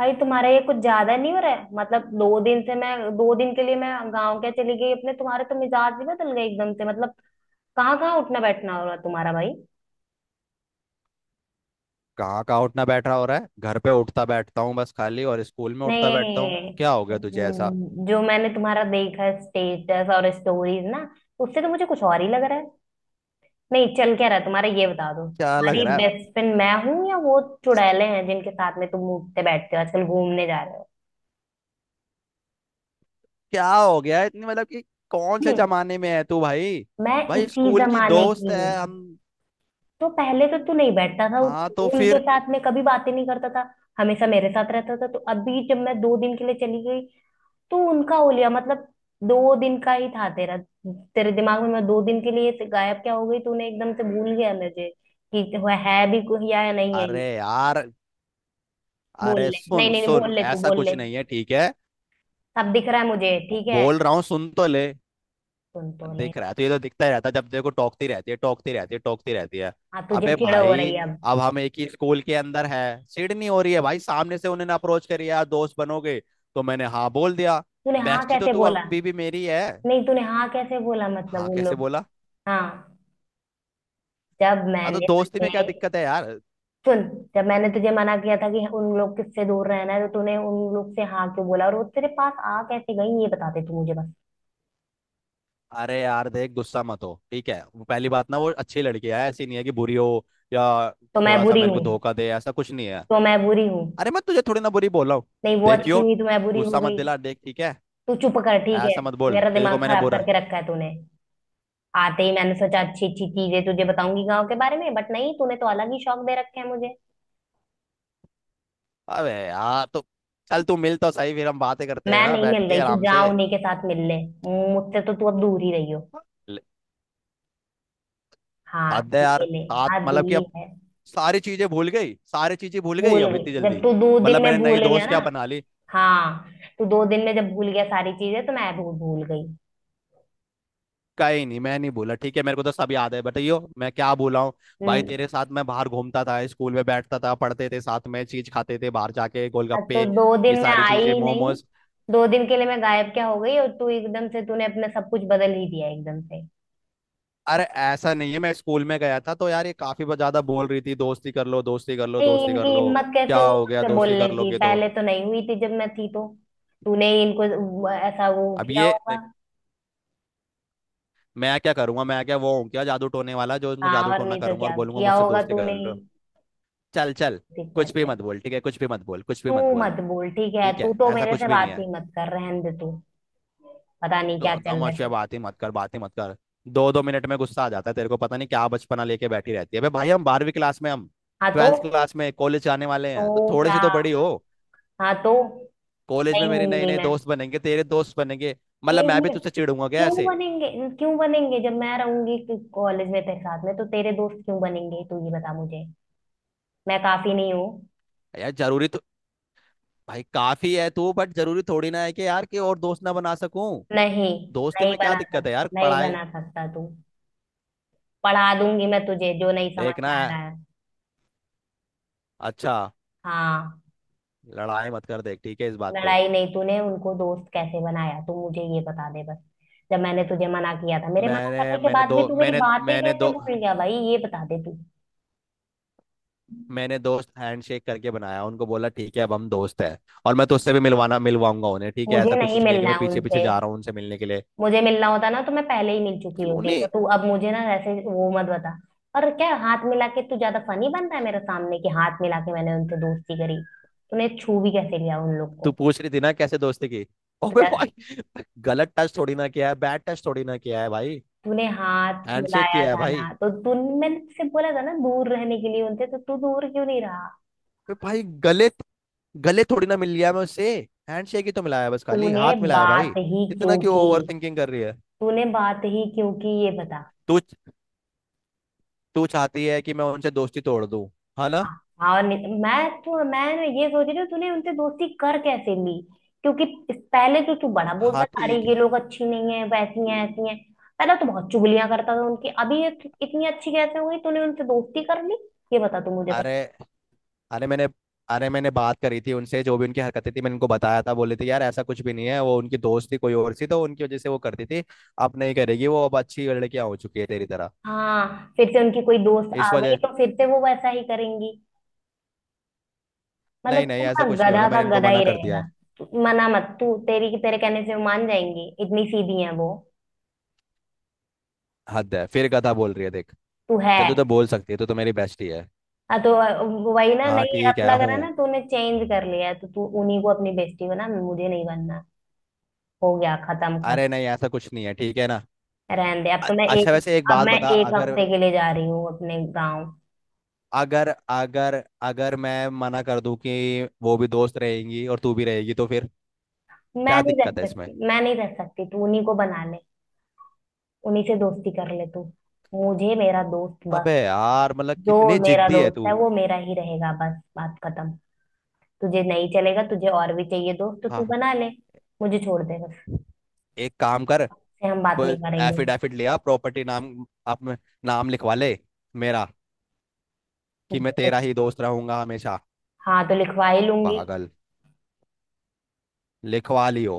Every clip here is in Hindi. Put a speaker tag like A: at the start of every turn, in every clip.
A: भाई तुम्हारा ये कुछ ज्यादा नहीं हो रहा है। मतलब 2 दिन के लिए मैं गांव क्या चली गई अपने, तुम्हारे तो मिजाज भी बदल गए एकदम से। मतलब कहाँ कहाँ उठना बैठना हो रहा है तुम्हारा भाई?
B: कहाँ कहाँ उठना बैठना हो रहा है? घर पे उठता बैठता हूँ बस खाली, और स्कूल में उठता बैठता हूँ।
A: नहीं।
B: क्या हो गया तुझे ऐसा?
A: जो मैंने तुम्हारा देखा है स्टेटस और स्टोरीज ना, उससे तो मुझे कुछ और ही लग रहा है। नहीं, चल क्या रहा है तुम्हारा ये बता दो।
B: क्या लग
A: तुम्हारी
B: रहा है?
A: बेस्ट फ्रेंड मैं हूँ या वो चुड़ैले हैं जिनके साथ में तुम उठते बैठते हो आजकल घूमने जा रहे हो?
B: क्या हो गया है इतनी, मतलब कि कौन से
A: हम्म।
B: जमाने में है तू भाई?
A: मैं
B: भाई
A: इसी
B: स्कूल की
A: जमाने
B: दोस्त
A: की हूँ।
B: है हम।
A: तो पहले तो तू नहीं बैठता था
B: हाँ तो
A: उनके
B: फिर?
A: साथ में, कभी बातें नहीं करता था। हमेशा मेरे साथ रहता था। तो अभी जब मैं 2 दिन के लिए चली गई तो उनका हो लिया मतलब। दो दिन का ही था तेरा? तेरे दिमाग में मैं दो दिन के लिए गायब क्या हो गई, तूने एकदम से भूल गया मुझे कि वह है भी कोई या नहीं है
B: अरे
A: ये।
B: यार।
A: बोल
B: अरे
A: ले, नहीं
B: सुन
A: नहीं नहीं,
B: सुन,
A: बोल ले तू
B: ऐसा
A: बोल ले।
B: कुछ नहीं है ठीक है।
A: सब दिख रहा है मुझे
B: बो-
A: ठीक है।
B: बोल रहा हूँ, सुन तो ले।
A: सुन तो ले।
B: दिख रहा है तो ये तो दिखता ही रहता है, जब देखो टोकती रहती है टोकती रहती है टोकती रहती है।
A: हाँ, तुझे
B: अबे
A: चिड़ हो रही
B: भाई,
A: है अब?
B: अब हम एक ही स्कूल के अंदर है। सीट नहीं हो रही है भाई, सामने से उन्होंने अप्रोच करी, यार दोस्त बनोगे, तो मैंने हाँ बोल दिया।
A: तूने हाँ
B: बेस्टी तो
A: कैसे
B: तू
A: बोला?
B: अभी भी मेरी है।
A: नहीं, तूने हाँ कैसे बोला मतलब
B: हाँ
A: उन
B: कैसे
A: लोग से?
B: बोला?
A: हाँ। जब
B: हाँ तो
A: मैंने
B: दोस्ती में क्या
A: तुझे,
B: दिक्कत है यार।
A: सुन, जब मैंने तुझे मना किया था कि उन लोग किससे दूर रहना है, तो तूने उन लोग से हाँ क्यों बोला? और वो तेरे पास आ कैसे गई ये बता दे तू मुझे बस।
B: अरे यार देख, गुस्सा मत हो ठीक है। वो पहली बात ना, वो अच्छी लड़की है, ऐसी नहीं है कि बुरी हो या
A: तो मैं
B: थोड़ा सा
A: बुरी
B: मेरे
A: हूँ?
B: को धोखा दे, ऐसा कुछ नहीं है।
A: तो मैं बुरी हूँ?
B: अरे मैं तुझे थोड़ी ना बुरी बोल रहा हूँ।
A: नहीं, वो अच्छी
B: देखियो,
A: देखिए हुई तो मैं बुरी हो
B: गुस्सा मत
A: गई।
B: दिला देख ठीक है।
A: तू चुप कर ठीक है।
B: ऐसा मत बोल,
A: मेरा
B: तेरे को
A: दिमाग
B: मैंने
A: खराब
B: बोला है।
A: करके रखा है तूने। आते ही मैंने सोचा अच्छी अच्छी चीजें तुझे बताऊंगी गाँव के बारे में, बट नहीं, तूने तो अलग ही शौक दे रखे हैं मुझे।
B: अबे यार तो, चल तू मिल तो सही, फिर हम बातें करते हैं
A: मैं
B: ना
A: नहीं मिल
B: बैठ के
A: रही, तू
B: आराम
A: जा
B: से।
A: उन्हीं के साथ मिल ले। मुझसे तो तू अब दूर ही रही हो।
B: ल-
A: हाँ
B: हद है यार,
A: ये ले।
B: साथ
A: हाँ
B: मतलब कि
A: दी
B: अब
A: है।
B: सारी चीजें भूल गई, सारी चीजें भूल गई
A: भूल
B: अब
A: गई।
B: इतनी
A: जब
B: जल्दी?
A: तू 2 दिन
B: मतलब
A: में
B: मैंने
A: भूल
B: नई
A: गया
B: दोस्त
A: ना।
B: क्या बना ली।
A: हाँ। तू दो दिन में जब भूल गया सारी चीजें, तो मैं भी भूल गई।
B: कहीं नहीं, मैं नहीं भूला ठीक है, मेरे को तो सब याद है, बताइयो मैं क्या भूला हूँ। भाई
A: हम्म,
B: तेरे साथ मैं बाहर घूमता था, स्कूल में बैठता था, पढ़ते थे साथ में, चीज खाते थे बाहर जाके,
A: अब
B: गोलगप्पे
A: तो 2 दिन
B: ये
A: में
B: सारी
A: आई
B: चीजें,
A: ही नहीं।
B: मोमोज।
A: दो दिन के लिए मैं गायब क्या हो गई और तू एकदम से तूने अपना सब कुछ बदल ही दिया एकदम से।
B: अरे ऐसा नहीं है, मैं स्कूल में गया था तो यार ये काफी ज्यादा बोल रही थी, दोस्ती कर लो दोस्ती कर लो
A: नहीं,
B: दोस्ती
A: इनकी
B: कर लो।
A: हिम्मत
B: क्या
A: कैसे हुई
B: हो गया
A: तुझसे
B: दोस्ती
A: बोलने
B: कर लो
A: की?
B: के तो?
A: पहले तो नहीं हुई थी जब मैं थी तो। तूने ही इनको ऐसा वो
B: अब
A: किया
B: ये
A: होगा।
B: मैं क्या करूंगा, मैं क्या वो हूँ क्या, जादू टोने वाला, जो इनको
A: हाँ
B: जादू
A: और
B: टोना
A: नहीं तो
B: करूंगा और
A: क्या
B: बोलूंगा
A: किया
B: मुझसे
A: होगा,
B: दोस्ती कर
A: तूने ही।
B: लो। चल चल,
A: देख
B: कुछ
A: कर
B: भी
A: ले।
B: मत बोल ठीक है, कुछ भी मत बोल, कुछ भी
A: तू
B: मत बोल।
A: मत बोल ठीक है,
B: ठीक
A: तू
B: है
A: तो
B: ऐसा
A: मेरे
B: कुछ
A: से
B: भी नहीं
A: बात
B: है।
A: ही मत कर, रहने दे तू। पता नहीं क्या
B: तो
A: चल रहा
B: तमाशा
A: है।
B: बातें मत कर, बातें मत कर। 2-2 मिनट में गुस्सा आ जाता है तेरे को, पता नहीं क्या बचपना लेके बैठी रहती है। अबे भाई, हम 12वीं क्लास में हम,
A: हाँ तो।
B: 12th क्लास में, कॉलेज जाने वाले
A: तो
B: हैं, तो थोड़े
A: क्या?
B: से तो बड़ी हो।
A: हाँ तो।
B: कॉलेज में
A: नहीं
B: मेरे नए
A: होंगी
B: नए
A: मैं।
B: दोस्त बनेंगे, तेरे दोस्त बनेंगे, मतलब
A: एक
B: मैं भी
A: मिनट
B: तुझसे चिढ़ूंगा क्या
A: क्यों
B: ऐसे?
A: बनेंगे? क्यों बनेंगे जब मैं रहूंगी कॉलेज में तेरे साथ में, तो तेरे दोस्त क्यों बनेंगे तू ये बता मुझे? मैं काफी नहीं हूँ?
B: यार जरूरी तो, भाई काफी है तू, बट जरूरी थोड़ी ना है कि यार कि और दोस्त ना बना सकूं।
A: नहीं,
B: दोस्ती
A: नहीं
B: में क्या
A: बना
B: दिक्कत
A: सक
B: है यार,
A: नहीं
B: पढ़ाई।
A: बना सकता तू। पढ़ा दूंगी मैं तुझे जो नहीं समझ में
B: देखना
A: आ
B: है।
A: रहा है।
B: अच्छा,
A: हाँ।
B: लड़ाई मत कर देख ठीक है, इस बात पे।
A: लड़ाई नहीं, तूने उनको दोस्त कैसे बनाया तू मुझे ये बता दे बस। जब मैंने तुझे मना किया था, मेरे मना
B: मैंने
A: करने के
B: मैंने
A: बाद भी
B: दो
A: तू मेरी
B: मैंने
A: बातें
B: मैंने
A: कैसे
B: दो
A: भूल गया भाई ये बता दे तू।
B: मैंने दोस्त हैंडशेक करके बनाया, उनको बोला ठीक है अब हम दोस्त हैं। और मैं तो उससे भी मिलवाना मिलवाऊंगा उन्हें, ठीक है,
A: मुझे
B: ऐसा
A: नहीं
B: कुछ नहीं है कि
A: मिलना
B: मैं
A: है
B: पीछे पीछे
A: उनसे।
B: जा रहा हूँ उनसे मिलने के लिए।
A: मुझे मिलना होता ना तो मैं पहले ही मिल चुकी
B: क्यों
A: होती, तो
B: नहीं?
A: तू अब मुझे ना ऐसे वो मत बता। और क्या हाथ मिला के तू ज्यादा फनी बन रहा है मेरे सामने कि हाथ मिला के मैंने उनसे दोस्ती करी? तूने छू भी कैसे लिया उन लोग
B: तू
A: को?
B: पूछ रही थी ना कैसे दोस्ती की। ओबे
A: तूने
B: भाई, गलत टच थोड़ी ना किया है, बैड टच थोड़ी ना किया है भाई।
A: तूने हाथ
B: हैंडशेक
A: मिलाया
B: किया है
A: था ना
B: भाई।
A: तो तू। मैंने तुझसे बोला था ना दूर रहने के लिए उनसे, तो तू दूर क्यों नहीं रहा?
B: बे भाई, गले, गले थोड़ी ना मिल लिया मैं उससे, हैंडशेक ही तो मिलाया है, बस खाली
A: तूने यार
B: हाथ मिलाया है
A: बात
B: भाई।
A: ही
B: इतना
A: क्यों
B: क्यों
A: की?
B: ओवर थिंकिंग कर रही है?
A: तूने बात ही क्यों की ये बता।
B: तू, तू चाहती है कि मैं उनसे दोस्ती तोड़ दूं, हाँ ना?
A: हाँ और मैं ना ये सोच रही हूँ तूने उनसे दोस्ती कर कैसे ली। क्योंकि पहले तो तू बड़ा
B: हाँ
A: बोलता था अरे
B: ठीक
A: ये
B: है।
A: लोग अच्छी नहीं है, वैसी हैं ऐसी हैं। पहले तो बहुत चुगलियां करता था उनकी, अभी ये इतनी अच्छी कैसे हो गई तूने उनसे दोस्ती कर ली? ये बता तू मुझे बस।
B: अरे, अरे मैंने अरे मैंने बात करी थी उनसे, जो भी उनकी हरकतें थी मैंने उनको बताया था, बोले थे यार ऐसा कुछ भी नहीं है, वो उनकी दोस्त थी कोई और सी, तो उनकी वजह से वो करती थी। अब नहीं करेगी वो, अब अच्छी लड़कियां हो चुकी है तेरी तरह।
A: हाँ, फिर से उनकी कोई दोस्त आ
B: इस
A: गई
B: वजह,
A: तो फिर से वो वैसा ही करेंगी। मतलब
B: नहीं नहीं
A: तू ना
B: ऐसा कुछ नहीं होगा,
A: गधा का
B: मैंने इनको
A: गधा
B: मना
A: ही
B: कर दिया
A: रहेगा।
B: है।
A: मना मत, तू तेरी तेरे कहने से वो मान जाएंगी, इतनी सीधी है वो।
B: हद है, फिर गधा बोल रही है देख।
A: तू है।
B: चल, तू तो बोल सकती है, तू तो मेरी बेस्टी है।
A: हाँ तो। वही ना,
B: हाँ
A: नहीं
B: ठीक
A: अब
B: है,
A: लग रहा
B: हूँ।
A: ना तूने चेंज कर लिया है, तो तू उन्हीं को अपनी बेस्टी बना, मुझे नहीं बनना। हो गया, खत्म खत्म।
B: अरे नहीं ऐसा कुछ नहीं है ठीक है ना।
A: रहने दे, अब तो मैं
B: अच्छा
A: एक,
B: वैसे एक
A: अब
B: बात
A: मैं
B: बता,
A: एक
B: अगर
A: हफ्ते के लिए जा रही हूँ अपने गाँव।
B: अगर अगर अगर मैं मना कर दूं कि वो भी दोस्त रहेंगी और तू भी रहेगी तो फिर?
A: मैं
B: क्या
A: नहीं रह
B: दिक्कत है इसमें?
A: सकती, मैं नहीं रह सकती, तू उन्हीं को बना ले। उन्हीं से दोस्ती कर ले तू। मुझे मेरा दोस्त बस।
B: अबे यार, मतलब
A: जो
B: कितनी
A: मेरा
B: जिद्दी है
A: दोस्त है
B: तू।
A: वो मेरा ही रहेगा बस, बात खत्म। तुझे नहीं चलेगा, तुझे और भी चाहिए दोस्त तो तू
B: हाँ,
A: बना ले। मुझे छोड़ दे बस।
B: एक काम कर,
A: से हम बात नहीं करेंगे।
B: एफिडेविट लिया, प्रॉपर्टी नाम अपने नाम लिखवा ले, मेरा, कि मैं तेरा ही दोस्त रहूंगा हमेशा।
A: हाँ, तो लिखवा ही लूंगी।
B: पागल, लिखवाली हो।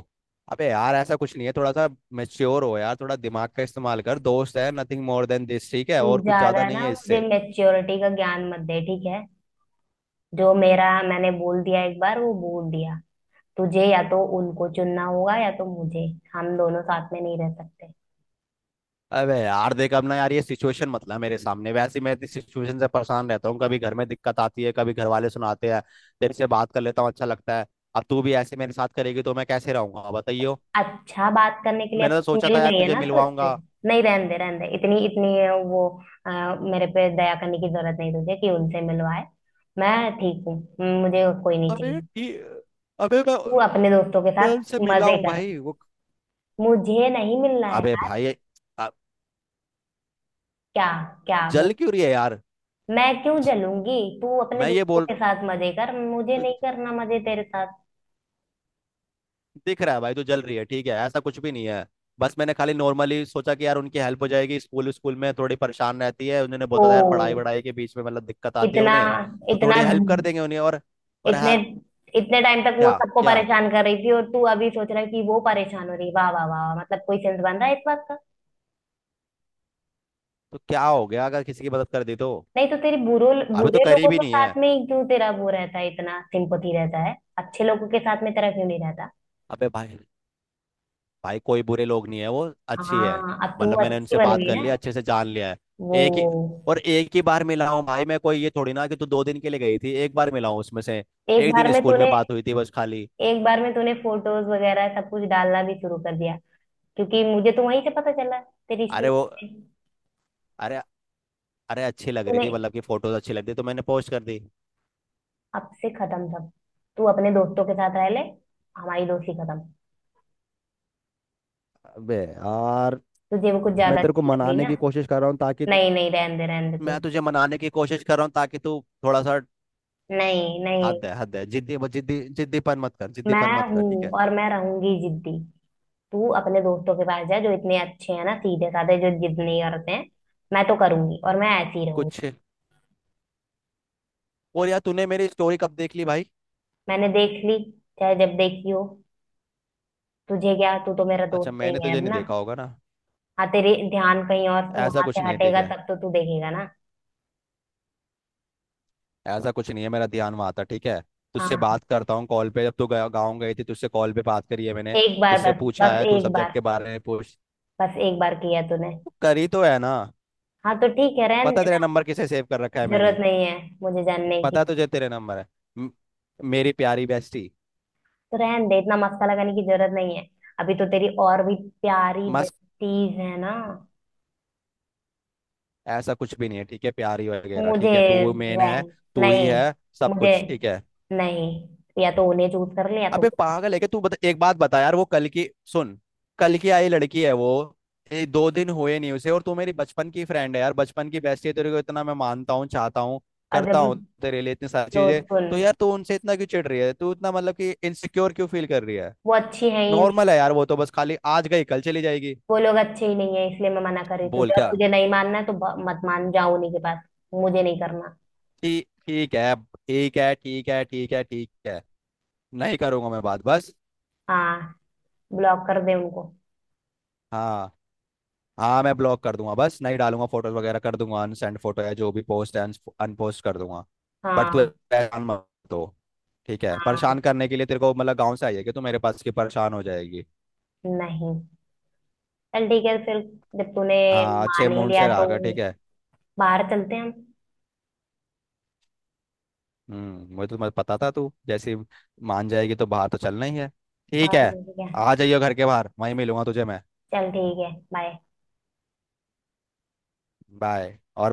B: अबे यार ऐसा कुछ नहीं है, थोड़ा सा मेच्योर हो यार, थोड़ा दिमाग का इस्तेमाल कर, दोस्त है, नथिंग मोर देन दिस, ठीक है,
A: तू
B: और कुछ ज्यादा
A: ज्यादा
B: नहीं
A: ना
B: है
A: मुझे
B: इससे।
A: मैच्योरिटी का ज्ञान मत दे ठीक है। जो मेरा मैंने बोल दिया एक बार वो बोल दिया। तुझे या तो उनको चुनना होगा या तो मुझे। हम दोनों साथ में नहीं रह सकते।
B: अबे यार देख, अब ना यार, ये सिचुएशन मत ला मेरे सामने, वैसे ही मैं इस सिचुएशन से परेशान रहता हूँ, कभी घर में दिक्कत आती है, कभी घर वाले सुनाते हैं, तेरे से बात कर लेता हूँ अच्छा लगता है। अब तू भी ऐसे मेरे साथ करेगी तो मैं कैसे रहूंगा बताइयो।
A: अच्छा, बात करने के लिए अब
B: मैंने तो सोचा
A: मिल
B: था यार
A: गई है
B: तुझे
A: ना तो उससे?
B: मिलवाऊंगा।
A: नहीं रहने दे रहने दे, इतनी इतनी। वो, अ, मेरे पे दया करने की जरूरत नहीं तुझे कि उनसे मिलवाए। मैं ठीक हूँ। मुझे कोई नहीं
B: अबे
A: चाहिए।
B: ठीक अबे
A: तू अपने दोस्तों के
B: मैं
A: साथ
B: उनसे मिला
A: मजे
B: हूँ
A: कर।
B: भाई, वो।
A: मुझे नहीं मिलना है।
B: अबे भाई, अ-
A: क्या? क्या?
B: जल क्यों रही है यार?
A: मैं क्यों जलूंगी? तू अपने
B: मैं ये
A: दोस्तों
B: बोल
A: के साथ मजे कर, मुझे नहीं करना मजे तेरे साथ।
B: दिख रहा है भाई, तो जल रही है ठीक है, ऐसा कुछ भी नहीं है। बस मैंने खाली नॉर्मली सोचा कि यार उनकी हेल्प हो जाएगी, स्कूल स्कूल में थोड़ी परेशान रहती है, उन्होंने बोला था यार पढ़ाई
A: ओ,
B: वढ़ाई के बीच में मतलब दिक्कत आती है
A: इतना
B: उन्हें, तो
A: इतना,
B: थोड़ी हेल्प कर देंगे उन्हें, और
A: इतने
B: हाँ।
A: इतने टाइम तक वो
B: क्या
A: सबको
B: क्या?
A: परेशान कर रही थी और तू अभी सोच रहा है कि वो परेशान हो रही है। वाह वाह वाह वाह। मतलब कोई सेंस बन रहा है इस बात का?
B: तो क्या हो गया अगर किसी की मदद कर दी तो?
A: नहीं तो तेरी बुरो
B: अभी तो
A: बुरे लोगों
B: करीब ही
A: के
B: नहीं है।
A: साथ में ही क्यों तेरा वो रहता है, इतना सिंपथी रहता है, अच्छे लोगों के साथ में तेरा क्यों नहीं रहता?
B: अबे भाई, भाई कोई बुरे लोग नहीं है वो, अच्छी है।
A: हाँ अब तो वो
B: मतलब मैंने
A: अच्छी
B: उनसे
A: बन
B: बात
A: गई
B: कर
A: ना।
B: लिया, अच्छे से जान लिया है। एक ही,
A: वो
B: और एक ही बार मिला हूँ भाई मैं, कोई ये थोड़ी ना कि तू 2 दिन के लिए गई थी एक बार मिला हूँ उसमें से।
A: एक
B: एक
A: बार
B: दिन
A: में
B: स्कूल में
A: तूने,
B: बात हुई थी बस खाली।
A: एक बार में तूने फोटोज वगैरह सब कुछ डालना भी शुरू कर दिया। क्योंकि मुझे तो वहीं से पता चला, तेरी
B: अरे
A: स्टोरी
B: वो,
A: से।
B: अरे, अच्छी लग रही
A: तूने,
B: थी, मतलब कि फोटोज अच्छी लग रही तो मैंने पोस्ट कर दी।
A: अब से खत्म सब। तू अपने दोस्तों के साथ रह ले, हमारी दोस्ती खत्म।
B: अबे यार,
A: तुझे वो कुछ
B: मैं
A: ज्यादा
B: तेरे को
A: अच्छी लग गई
B: मनाने
A: ना?
B: की कोशिश कर रहा हूँ ताकि
A: नहीं नहीं, रहने दे रहने दे तू।
B: मैं तुझे मनाने की कोशिश कर रहा हूँ ताकि तू थोड़ा सा।
A: नहीं नहीं।
B: हद है, हद है, जिद्दी जिद्दी जिद्दीपन मत कर,
A: मैं
B: जिद्दीपन मत कर ठीक
A: हूं
B: है।
A: और मैं रहूंगी जिद्दी। तू अपने दोस्तों के पास जा जो इतने अच्छे हैं ना, सीधे साधे, जो जिद नहीं करते हैं। मैं तो करूंगी और मैं ऐसी ही रहूंगी।
B: कुछ, और यार तूने मेरी स्टोरी कब देख ली भाई?
A: मैंने देख ली, चाहे जब देखी हो। तुझे क्या, तू तो मेरा
B: अच्छा,
A: दोस्त
B: मैंने
A: नहीं है
B: तुझे
A: अब
B: नहीं
A: ना।
B: देखा होगा ना।
A: हाँ, तेरे ध्यान कहीं और
B: ऐसा
A: वहां
B: कुछ
A: से
B: नहीं है ठीक
A: हटेगा
B: है,
A: तब तो तू देखेगा ना।
B: ऐसा कुछ नहीं है, मेरा ध्यान वहाँ था ठीक है। तुझसे
A: हाँ।
B: बात करता हूँ कॉल पे, जब तू गया गाँव गई थी तुझसे कॉल पे बात करी है मैंने,
A: एक बार,
B: तुझसे
A: बस
B: पूछा
A: बस
B: है, तू
A: एक
B: सब्जेक्ट
A: बार।
B: के बारे में पूछ,
A: बस एक बार किया तूने।
B: तू करी तो है ना?
A: हाँ तो ठीक है रहन
B: पता तेरा
A: देना।
B: नंबर किसे सेव कर रखा है
A: जरूरत
B: मैंने,
A: नहीं है मुझे जानने की।
B: पता तुझे तेरे नंबर है? म- मेरी प्यारी बेस्टी,
A: तो रहन दे, इतना मस्का लगाने की जरूरत नहीं है। अभी तो तेरी और भी प्यारी
B: मस्त।
A: बेटीज है ना।
B: ऐसा कुछ भी नहीं है ठीक है, प्यारी वगैरह
A: मुझे
B: ठीक है, तू मेन है,
A: रहन।
B: तू ही
A: नहीं।
B: है, सब
A: मुझे
B: कुछ ठीक है।
A: नहीं, या तो उन्हें चूज कर ले या तो
B: अबे
A: मुझे।
B: पागल है क्या तू, बता एक बात बता यार, वो कल की सुन, कल की आई लड़की है वो, ये दो दिन हुए नहीं उसे, और तू मेरी बचपन की फ्रेंड है यार, बचपन की बेस्टी है, तेरे को इतना मैं मानता हूँ, चाहता हूँ,
A: और
B: करता हूँ
A: जब।
B: तेरे लिए इतनी सारी
A: तो
B: चीजें, तो
A: सुन।
B: यार तू उनसे इतना क्यों चिढ़ रही है, तू इतना मतलब कि इनसिक्योर क्यों फील कर रही है?
A: वो अच्छी है ही नहीं।
B: नॉर्मल है यार वो, तो बस खाली आज गई कल चली जाएगी।
A: वो लोग अच्छे ही नहीं है इसलिए मैं मना कर रही हूँ
B: बोल
A: तुझे, अब
B: क्या?
A: तुझे नहीं मानना है तो मत मान जाओ उन्हीं के पास। मुझे नहीं करना।
B: ठीक, ठीक है, ठीक है, ठीक है, ठीक है, ठीक है, नहीं करूंगा मैं बात बस।
A: हाँ, ब्लॉक कर दे उनको।
B: हाँ, हाँ मैं ब्लॉक कर दूंगा, बस नहीं डालूंगा फोटोज वगैरह, कर दूंगा अनसेंड फोटो, या जो भी पोस्ट है अनपोस्ट कर दूंगा। बट तू
A: हाँ।
B: परेशान मत हो ठीक है,
A: हाँ।
B: परेशान करने के लिए तेरे को मतलब गाँव से आई है कि तू मेरे पास की परेशान हो जाएगी?
A: नहीं, चल ठीक है फिर, जब तूने
B: हाँ अच्छे
A: मान ही
B: मूड
A: लिया
B: से
A: तो
B: रहा कर ठीक है।
A: बाहर चलते हैं हम।
B: हम्म, मुझे तो मत पता था, तू जैसे ही मान जाएगी तो बाहर तो चलना ही है, ठीक
A: और
B: है,
A: नहीं तो क्या।
B: आ जाइयो घर के बाहर वहीं मिलूंगा तुझे मैं।
A: चल ठीक है बाय।
B: बाय, और।